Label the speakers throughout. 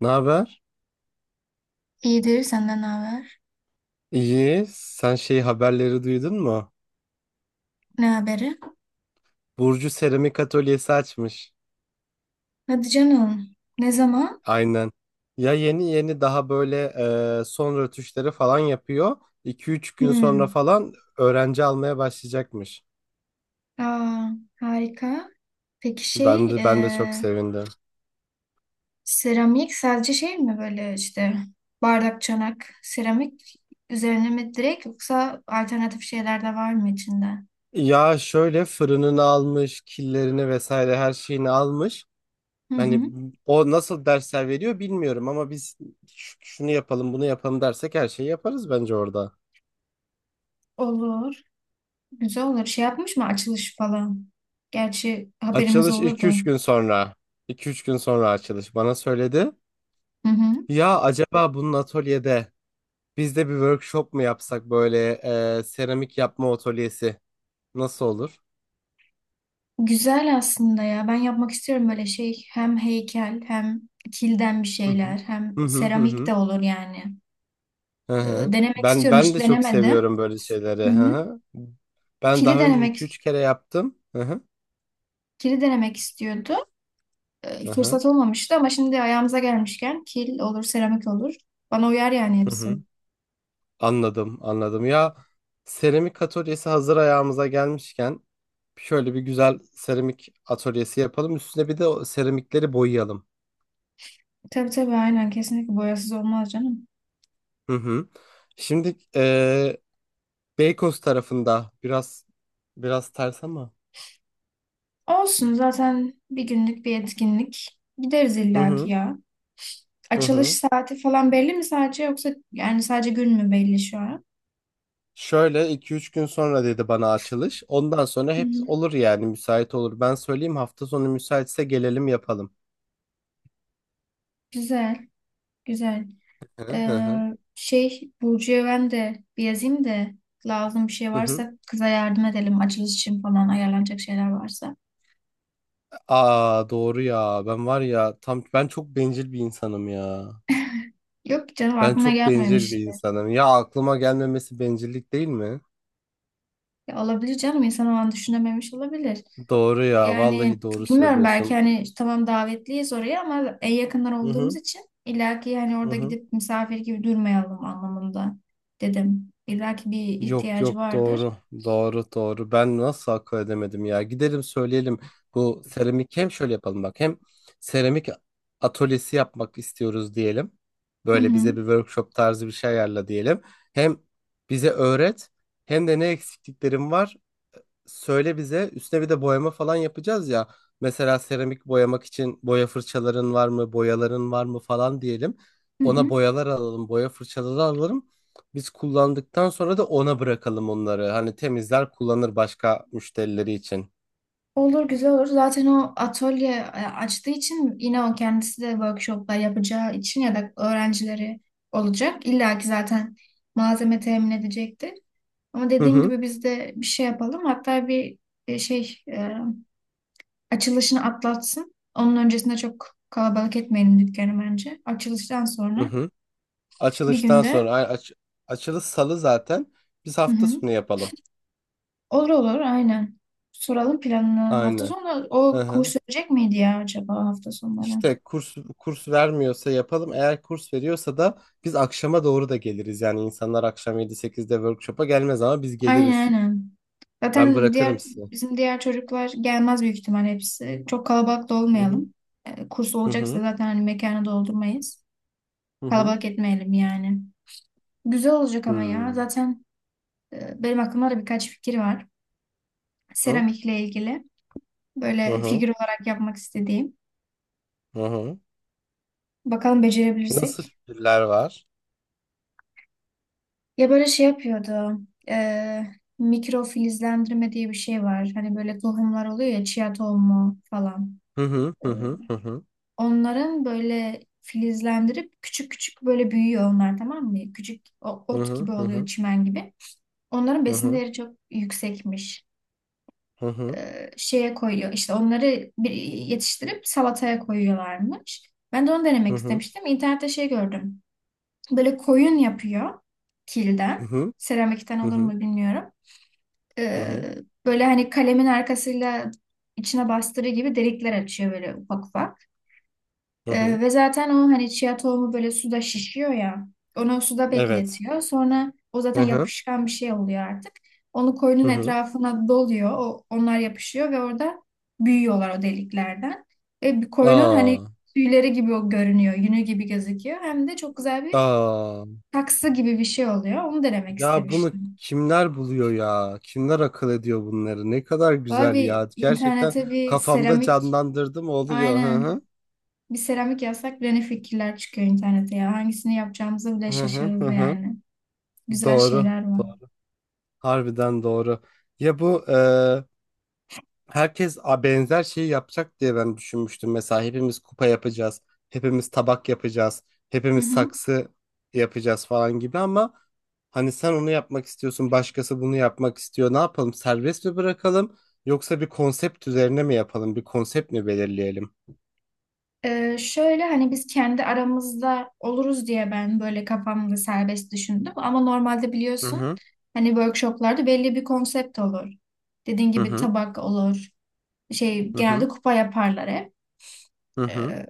Speaker 1: Ne haber?
Speaker 2: İyidir, senden ne haber?
Speaker 1: İyi. Sen şey haberleri duydun mu?
Speaker 2: Ne haberi?
Speaker 1: Burcu seramik atölyesi açmış.
Speaker 2: Hadi canım. Ne zaman?
Speaker 1: Aynen. Ya yeni yeni daha böyle son rötuşları falan yapıyor. iki üç gün sonra
Speaker 2: Hmm.
Speaker 1: falan öğrenci almaya başlayacakmış.
Speaker 2: Aa, harika. Peki
Speaker 1: Ben de çok sevindim.
Speaker 2: seramik sadece şey mi böyle işte bardak, çanak, seramik üzerine mi direkt yoksa alternatif şeyler de var mı içinde?
Speaker 1: Ya şöyle fırınını almış, killerini vesaire her şeyini almış.
Speaker 2: Hı
Speaker 1: Hani
Speaker 2: hı.
Speaker 1: o nasıl dersler veriyor bilmiyorum ama biz şunu yapalım, bunu yapalım dersek her şeyi yaparız bence orada.
Speaker 2: Olur. Güzel olur. Şey yapmış mı açılış falan? Gerçi haberimiz
Speaker 1: Açılış iki
Speaker 2: olurdu.
Speaker 1: üç gün sonra. İki üç gün sonra açılış bana söyledi.
Speaker 2: Hı hı.
Speaker 1: Ya acaba bunun atölyede biz de bir workshop mu yapsak böyle seramik yapma atölyesi nasıl olur?
Speaker 2: Güzel aslında ya. Ben yapmak istiyorum böyle şey. Hem heykel hem kilden bir
Speaker 1: Hı hı.
Speaker 2: şeyler hem
Speaker 1: Hı hı hı
Speaker 2: seramik
Speaker 1: hı.
Speaker 2: de olur yani.
Speaker 1: Hı
Speaker 2: Ee,
Speaker 1: hı.
Speaker 2: Denemek
Speaker 1: Ben
Speaker 2: istiyorum.
Speaker 1: ben
Speaker 2: Hiç
Speaker 1: de çok
Speaker 2: denemedim.
Speaker 1: seviyorum böyle şeyleri.
Speaker 2: Hı
Speaker 1: Hı
Speaker 2: hı.
Speaker 1: hı. Ben
Speaker 2: Kili
Speaker 1: daha önce iki
Speaker 2: denemek
Speaker 1: üç kere yaptım. Hı hı.
Speaker 2: kili denemek istiyordu.
Speaker 1: Hı hı.
Speaker 2: Fırsat olmamıştı ama şimdi ayağımıza gelmişken kil olur, seramik olur. Bana uyar yani
Speaker 1: Hı
Speaker 2: hepsi.
Speaker 1: hı. Anladım, anladım. Ya seramik atölyesi hazır ayağımıza gelmişken şöyle bir güzel seramik atölyesi yapalım. Üstüne bir de o seramikleri boyayalım.
Speaker 2: Tabii tabii aynen, kesinlikle boyasız olmaz canım.
Speaker 1: Hı hı. Şimdi Beykoz tarafında biraz ters ama.
Speaker 2: Olsun, zaten bir günlük bir etkinlik. Gideriz
Speaker 1: Hı
Speaker 2: illaki
Speaker 1: hı.
Speaker 2: ya.
Speaker 1: Hı
Speaker 2: Açılış
Speaker 1: hı.
Speaker 2: saati falan belli mi sadece, yoksa yani sadece gün mü belli şu an?
Speaker 1: Şöyle iki üç gün sonra dedi bana açılış. Ondan sonra
Speaker 2: Hı
Speaker 1: hep
Speaker 2: hı.
Speaker 1: olur yani müsait olur. Ben söyleyeyim hafta sonu müsaitse gelelim yapalım.
Speaker 2: Güzel, güzel.
Speaker 1: Hı hı hı.
Speaker 2: Şey, Burcu'ya ben de bir yazayım da, lazım bir şey
Speaker 1: Hı.
Speaker 2: varsa kıza yardım edelim. Açılış için falan ayarlanacak şeyler varsa.
Speaker 1: Aa doğru ya. Ben var ya tam ben çok bencil bir insanım ya.
Speaker 2: Yok canım,
Speaker 1: Ben
Speaker 2: aklına
Speaker 1: çok bencil bir
Speaker 2: gelmemiştir.
Speaker 1: insanım. Ya aklıma gelmemesi bencillik değil mi?
Speaker 2: Ya olabilir canım, insan o an düşünememiş olabilir.
Speaker 1: Doğru ya.
Speaker 2: Yani
Speaker 1: Vallahi doğru
Speaker 2: bilmiyorum, belki
Speaker 1: söylüyorsun.
Speaker 2: hani tamam davetliyiz oraya ama en yakınlar
Speaker 1: Hı
Speaker 2: olduğumuz
Speaker 1: hı.
Speaker 2: için illaki hani
Speaker 1: Hı
Speaker 2: orada
Speaker 1: hı.
Speaker 2: gidip misafir gibi durmayalım anlamında dedim. İllaki bir
Speaker 1: Yok
Speaker 2: ihtiyacı
Speaker 1: yok
Speaker 2: vardır.
Speaker 1: doğru. Doğru doğru. Ben nasıl akıl edemedim ya. Gidelim söyleyelim. Bu seramik hem şöyle yapalım bak. Hem seramik atölyesi yapmak istiyoruz diyelim.
Speaker 2: Hı
Speaker 1: Böyle
Speaker 2: hı.
Speaker 1: bize bir workshop tarzı bir şey ayarla diyelim. Hem bize öğret hem de ne eksikliklerim var söyle bize. Üstüne bir de boyama falan yapacağız ya. Mesela seramik boyamak için boya fırçaların var mı, boyaların var mı falan diyelim.
Speaker 2: Hı
Speaker 1: Ona
Speaker 2: hı.
Speaker 1: boyalar alalım, boya fırçaları alalım. Biz kullandıktan sonra da ona bırakalım onları. Hani temizler kullanır başka müşterileri için.
Speaker 2: Olur, güzel olur. Zaten o atölye açtığı için, yine o kendisi de workshoplar yapacağı için ya da öğrencileri olacak. İlla ki zaten malzeme temin edecekti. Ama
Speaker 1: Hı
Speaker 2: dediğim
Speaker 1: hı.
Speaker 2: gibi biz de bir şey yapalım. Hatta bir e, şey e, açılışını atlatsın. Onun öncesinde çok kalabalık etmeyelim dükkanı bence. Açılıştan
Speaker 1: Hı
Speaker 2: sonra
Speaker 1: hı.
Speaker 2: bir
Speaker 1: Açılıştan
Speaker 2: günde.
Speaker 1: sonra açılış salı zaten. Biz
Speaker 2: Hı
Speaker 1: hafta
Speaker 2: hı.
Speaker 1: sonu yapalım.
Speaker 2: Olur olur, aynen. Soralım planını. Hafta
Speaker 1: Aynen.
Speaker 2: sonu
Speaker 1: Hı
Speaker 2: o
Speaker 1: hı.
Speaker 2: kurs verecek miydi ya acaba, hafta sonları?
Speaker 1: İşte kurs vermiyorsa yapalım. Eğer kurs veriyorsa da biz akşama doğru da geliriz. Yani insanlar akşam 7-8'de workshop'a gelmez ama biz
Speaker 2: Aynen
Speaker 1: geliriz.
Speaker 2: aynen.
Speaker 1: Ben
Speaker 2: Zaten
Speaker 1: bırakırım
Speaker 2: diğer,
Speaker 1: sizi.
Speaker 2: bizim diğer çocuklar gelmez büyük ihtimal hepsi. Çok kalabalık da
Speaker 1: Hı hı.
Speaker 2: olmayalım. Kurs
Speaker 1: Hı
Speaker 2: olacaksa
Speaker 1: hı.
Speaker 2: zaten hani mekanı doldurmayız.
Speaker 1: Hı hı.
Speaker 2: Kalabalık etmeyelim yani. Güzel olacak ama ya.
Speaker 1: Hmm.
Speaker 2: Zaten benim aklımda da birkaç fikir var.
Speaker 1: Hı hı.
Speaker 2: Seramikle ilgili. Böyle
Speaker 1: Hı
Speaker 2: figür olarak yapmak istediğim.
Speaker 1: hı. Hı.
Speaker 2: Bakalım
Speaker 1: Nasıl
Speaker 2: becerebilirsek.
Speaker 1: fikirler var?
Speaker 2: Ya böyle şey yapıyordu. E, Mikrofilizlendirme diye bir şey var. Hani böyle tohumlar oluyor ya, chia tohumu falan.
Speaker 1: Hı hı.
Speaker 2: E,
Speaker 1: Hı hı. Hı hı.
Speaker 2: Onların böyle filizlendirip küçük küçük böyle büyüyor onlar, tamam mı? Küçük
Speaker 1: Hı
Speaker 2: ot gibi oluyor,
Speaker 1: hı.
Speaker 2: çimen gibi. Onların
Speaker 1: Hı
Speaker 2: besin
Speaker 1: hı.
Speaker 2: değeri çok yüksekmiş.
Speaker 1: Hı hı.
Speaker 2: Şeye koyuyor işte onları, bir yetiştirip salataya koyuyorlarmış. Ben de onu
Speaker 1: Hı
Speaker 2: denemek
Speaker 1: hı.
Speaker 2: istemiştim. İnternette şey gördüm. Böyle koyun yapıyor
Speaker 1: Hı
Speaker 2: kilden.
Speaker 1: hı.
Speaker 2: Seramikten
Speaker 1: Hı
Speaker 2: olur
Speaker 1: hı.
Speaker 2: mu bilmiyorum.
Speaker 1: Hı hı. Hı
Speaker 2: Ee,
Speaker 1: hı.
Speaker 2: Böyle hani kalemin arkasıyla içine bastırı gibi delikler açıyor, böyle ufak ufak.
Speaker 1: Hı hı.
Speaker 2: Ve zaten o hani chia tohumu böyle suda şişiyor ya. Onu suda
Speaker 1: Evet.
Speaker 2: bekletiyor. Sonra o zaten
Speaker 1: Hı hı.
Speaker 2: yapışkan bir şey oluyor artık. Onu koyunun
Speaker 1: Hı hı.
Speaker 2: etrafına doluyor. Onlar yapışıyor ve orada büyüyorlar, o deliklerden. Ve bir koyunun hani
Speaker 1: Aa.
Speaker 2: tüyleri gibi o görünüyor. Yünü gibi gözüküyor. Hem de çok güzel bir
Speaker 1: Aa.
Speaker 2: taksı gibi bir şey oluyor. Onu denemek
Speaker 1: Ya bunu
Speaker 2: istemiştim.
Speaker 1: kimler buluyor ya? Kimler akıl ediyor bunları? Ne kadar
Speaker 2: Valla
Speaker 1: güzel
Speaker 2: bir
Speaker 1: ya. Gerçekten
Speaker 2: internete bir
Speaker 1: kafamda
Speaker 2: seramik
Speaker 1: canlandırdım oluyor. Hı
Speaker 2: aynen
Speaker 1: hı.
Speaker 2: bir seramik yazsak bile ne fikirler çıkıyor internete ya. Hangisini yapacağımızı bile
Speaker 1: Hı hı hı.
Speaker 2: şaşırırız
Speaker 1: Hı.
Speaker 2: yani. Güzel
Speaker 1: Doğru.
Speaker 2: şeyler var.
Speaker 1: Doğru. Harbiden doğru. Ya bu herkes benzer şeyi yapacak diye ben düşünmüştüm. Mesela hepimiz kupa yapacağız, hepimiz tabak yapacağız,
Speaker 2: Hı
Speaker 1: hepimiz
Speaker 2: hı.
Speaker 1: saksı yapacağız falan gibi ama hani sen onu yapmak istiyorsun, başkası bunu yapmak istiyor. Ne yapalım? Serbest mi bırakalım yoksa bir konsept üzerine mi yapalım? Bir konsept mi belirleyelim?
Speaker 2: Şöyle hani biz kendi aramızda oluruz diye ben böyle kafamda serbest düşündüm. Ama normalde
Speaker 1: Hı
Speaker 2: biliyorsun
Speaker 1: hı
Speaker 2: hani workshoplarda belli bir konsept olur. Dediğin
Speaker 1: hı
Speaker 2: gibi
Speaker 1: hı
Speaker 2: tabak olur. Şey,
Speaker 1: hı
Speaker 2: genelde kupa yaparlar hep.
Speaker 1: hı hı hı
Speaker 2: Ee,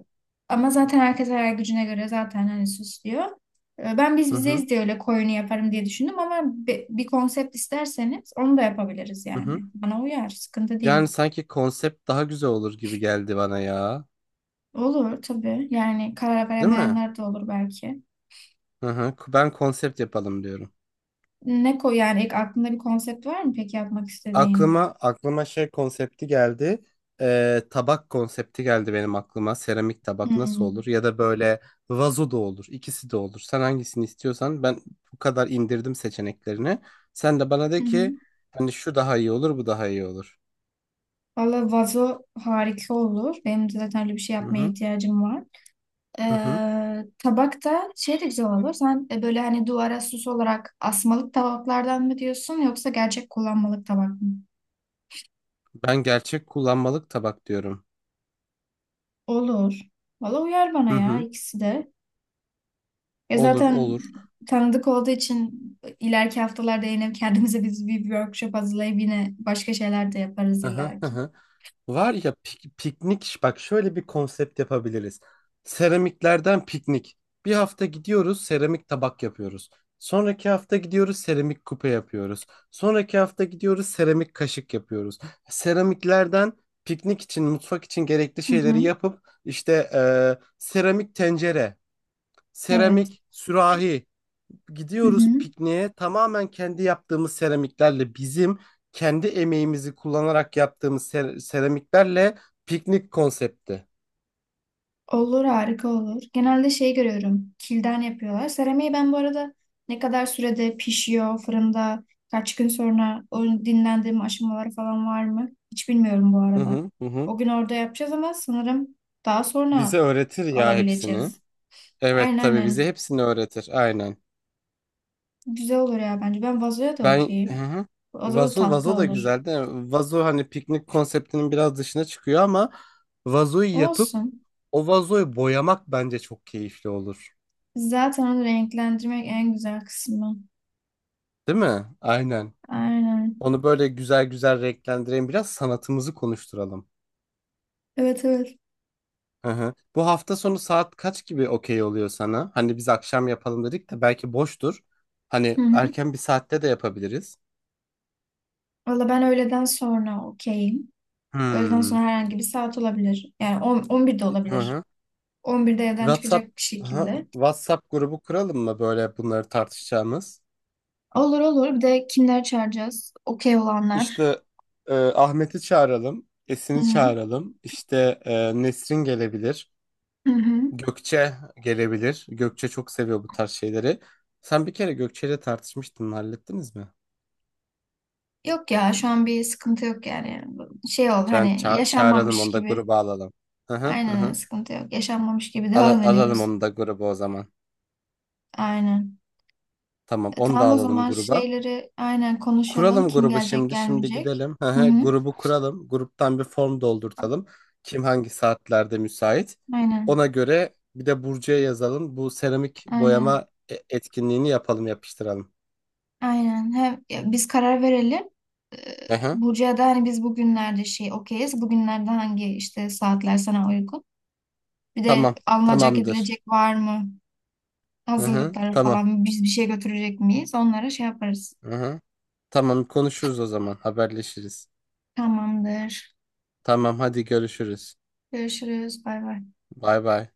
Speaker 2: Ama zaten herkes hayal gücüne göre zaten hani süslüyor. Ben biz
Speaker 1: hı hı.
Speaker 2: bizeyiz diye öyle koyunu yaparım diye düşündüm ama bir konsept isterseniz onu da yapabiliriz
Speaker 1: Hı hı.
Speaker 2: yani. Bana uyar, sıkıntı değil.
Speaker 1: Yani sanki konsept daha güzel olur gibi geldi bana ya.
Speaker 2: Olur tabii. Yani karar
Speaker 1: Değil mi?
Speaker 2: veremeyenler de olur belki.
Speaker 1: Hı hı. Ben konsept yapalım diyorum.
Speaker 2: Ne koy, yani ilk aklında bir konsept var mı peki yapmak istediğin?
Speaker 1: Aklıma şey konsepti geldi. Tabak konsepti geldi benim aklıma. Seramik tabak nasıl olur?
Speaker 2: Hmm.
Speaker 1: Ya da böyle vazo da olur. İkisi de olur. Sen hangisini istiyorsan ben bu kadar indirdim seçeneklerini. Sen de bana
Speaker 2: Hı
Speaker 1: de
Speaker 2: hı.
Speaker 1: ki hani şu daha iyi olur, bu daha iyi olur.
Speaker 2: Valla vazo harika olur. Benim de zaten öyle bir şey
Speaker 1: Hı
Speaker 2: yapmaya
Speaker 1: hı.
Speaker 2: ihtiyacım var.
Speaker 1: Hı hı.
Speaker 2: Tabakta şey de güzel olur. Sen böyle hani duvara süs olarak asmalık tabaklardan mı diyorsun, yoksa gerçek kullanmalık tabak mı?
Speaker 1: Ben gerçek kullanmalık tabak diyorum.
Speaker 2: Olur. Valla uyar bana
Speaker 1: Hı
Speaker 2: ya,
Speaker 1: hı.
Speaker 2: ikisi de. Ya
Speaker 1: Olur,
Speaker 2: zaten
Speaker 1: olur.
Speaker 2: tanıdık olduğu için ileriki haftalarda yine kendimize biz bir workshop hazırlayıp yine başka şeyler de yaparız
Speaker 1: Hı hı. Hı
Speaker 2: illaki.
Speaker 1: hı. Var ya piknik bak şöyle bir konsept yapabiliriz. Seramiklerden piknik. Bir hafta gidiyoruz seramik tabak yapıyoruz. Sonraki hafta gidiyoruz seramik kupa yapıyoruz. Sonraki hafta gidiyoruz seramik kaşık yapıyoruz. Seramiklerden piknik için mutfak için gerekli
Speaker 2: Hı
Speaker 1: şeyleri
Speaker 2: hı.
Speaker 1: yapıp işte seramik tencere,
Speaker 2: Evet.
Speaker 1: seramik sürahi,
Speaker 2: Hı
Speaker 1: gidiyoruz
Speaker 2: hı.
Speaker 1: pikniğe tamamen kendi yaptığımız seramiklerle bizim kendi emeğimizi kullanarak yaptığımız seramiklerle piknik konsepti.
Speaker 2: Olur, harika olur. Genelde şey görüyorum, kilden yapıyorlar. Seramiği ben bu arada ne kadar sürede pişiyor fırında, kaç gün sonra, o dinlendirme aşamaları falan var mı? Hiç bilmiyorum bu
Speaker 1: Hı
Speaker 2: arada.
Speaker 1: hı hı. Hı.
Speaker 2: O gün orada yapacağız ama sanırım daha sonra
Speaker 1: Bize öğretir ya hepsini.
Speaker 2: alabileceğiz.
Speaker 1: Evet
Speaker 2: Aynen
Speaker 1: tabii bize
Speaker 2: aynen.
Speaker 1: hepsini öğretir aynen.
Speaker 2: Güzel olur ya bence. Ben vazoya da
Speaker 1: Ben hı
Speaker 2: okeyim.
Speaker 1: hı.
Speaker 2: Vazo da
Speaker 1: Vazo
Speaker 2: tatlı
Speaker 1: vazo da
Speaker 2: olur.
Speaker 1: güzel değil mi? Vazo hani piknik konseptinin biraz dışına çıkıyor ama vazoyu yapıp
Speaker 2: Olsun.
Speaker 1: o vazoyu boyamak bence çok keyifli olur.
Speaker 2: Zaten onu renklendirmek en güzel kısmı.
Speaker 1: Değil mi? Aynen.
Speaker 2: Aynen.
Speaker 1: Onu böyle güzel güzel renklendirelim. Biraz sanatımızı konuşturalım.
Speaker 2: Evet evet.
Speaker 1: Hı hı. Bu hafta sonu saat kaç gibi okey oluyor sana? Hani biz akşam yapalım dedik de belki boştur. Hani
Speaker 2: Hı hı.
Speaker 1: erken bir saatte de yapabiliriz.
Speaker 2: Valla ben öğleden sonra okeyim. Öğleden
Speaker 1: Hmm.
Speaker 2: sonra herhangi bir saat olabilir. Yani 10, 11'de
Speaker 1: Hı
Speaker 2: olabilir.
Speaker 1: hı.
Speaker 2: 11'de evden çıkacak
Speaker 1: WhatsApp
Speaker 2: bir
Speaker 1: Aha,
Speaker 2: şekilde.
Speaker 1: WhatsApp grubu kuralım mı böyle bunları tartışacağımız?
Speaker 2: Olur olur. Bir de kimler çağıracağız? Okey olanlar.
Speaker 1: İşte Ahmet'i çağıralım, Esin'i
Speaker 2: Hı hı.
Speaker 1: çağıralım. İşte Nesrin gelebilir,
Speaker 2: Hı hı.
Speaker 1: Gökçe gelebilir. Gökçe çok seviyor bu tarz şeyleri. Sen bir kere Gökçe'yle tartışmıştın, hallettiniz mi?
Speaker 2: Yok ya, şu an bir sıkıntı yok yani. Şey oldu,
Speaker 1: Yani
Speaker 2: hani
Speaker 1: çağıralım
Speaker 2: yaşanmamış
Speaker 1: onu da
Speaker 2: gibi.
Speaker 1: gruba alalım. Hı hı hı.
Speaker 2: Aynen öyle,
Speaker 1: Hı.
Speaker 2: sıkıntı yok. Yaşanmamış gibi devam
Speaker 1: Alalım
Speaker 2: ediyoruz.
Speaker 1: onu da gruba o zaman.
Speaker 2: Aynen.
Speaker 1: Tamam,
Speaker 2: E,
Speaker 1: onu da
Speaker 2: tamam o
Speaker 1: alalım
Speaker 2: zaman
Speaker 1: gruba.
Speaker 2: şeyleri aynen konuşalım.
Speaker 1: Kuralım
Speaker 2: Kim
Speaker 1: grubu
Speaker 2: gelecek,
Speaker 1: şimdi. Şimdi
Speaker 2: gelmeyecek.
Speaker 1: gidelim. Hı
Speaker 2: Hı
Speaker 1: hı,
Speaker 2: hı.
Speaker 1: grubu kuralım. Gruptan bir form doldurtalım. Kim hangi saatlerde müsait.
Speaker 2: Aynen.
Speaker 1: Ona göre bir de Burcu'ya yazalım. Bu seramik
Speaker 2: Aynen.
Speaker 1: boyama etkinliğini yapalım, yapıştıralım.
Speaker 2: Aynen. Hem ya biz karar verelim. Ee,
Speaker 1: Hı hı.
Speaker 2: Burcu'ya da hani biz bugünlerde şey okeyiz. Bugünlerde hangi, işte, saatler sana uygun? Bir de
Speaker 1: Tamam.
Speaker 2: alınacak
Speaker 1: Tamamdır.
Speaker 2: edilecek var mı?
Speaker 1: Hı hı.
Speaker 2: Hazırlıkları
Speaker 1: Tamam.
Speaker 2: falan biz bir şey götürecek miyiz? Onlara şey yaparız.
Speaker 1: Hı hı. Tamam konuşuruz o zaman. Haberleşiriz.
Speaker 2: Tamamdır.
Speaker 1: Tamam hadi görüşürüz.
Speaker 2: Görüşürüz. Bay bay.
Speaker 1: Bay bay.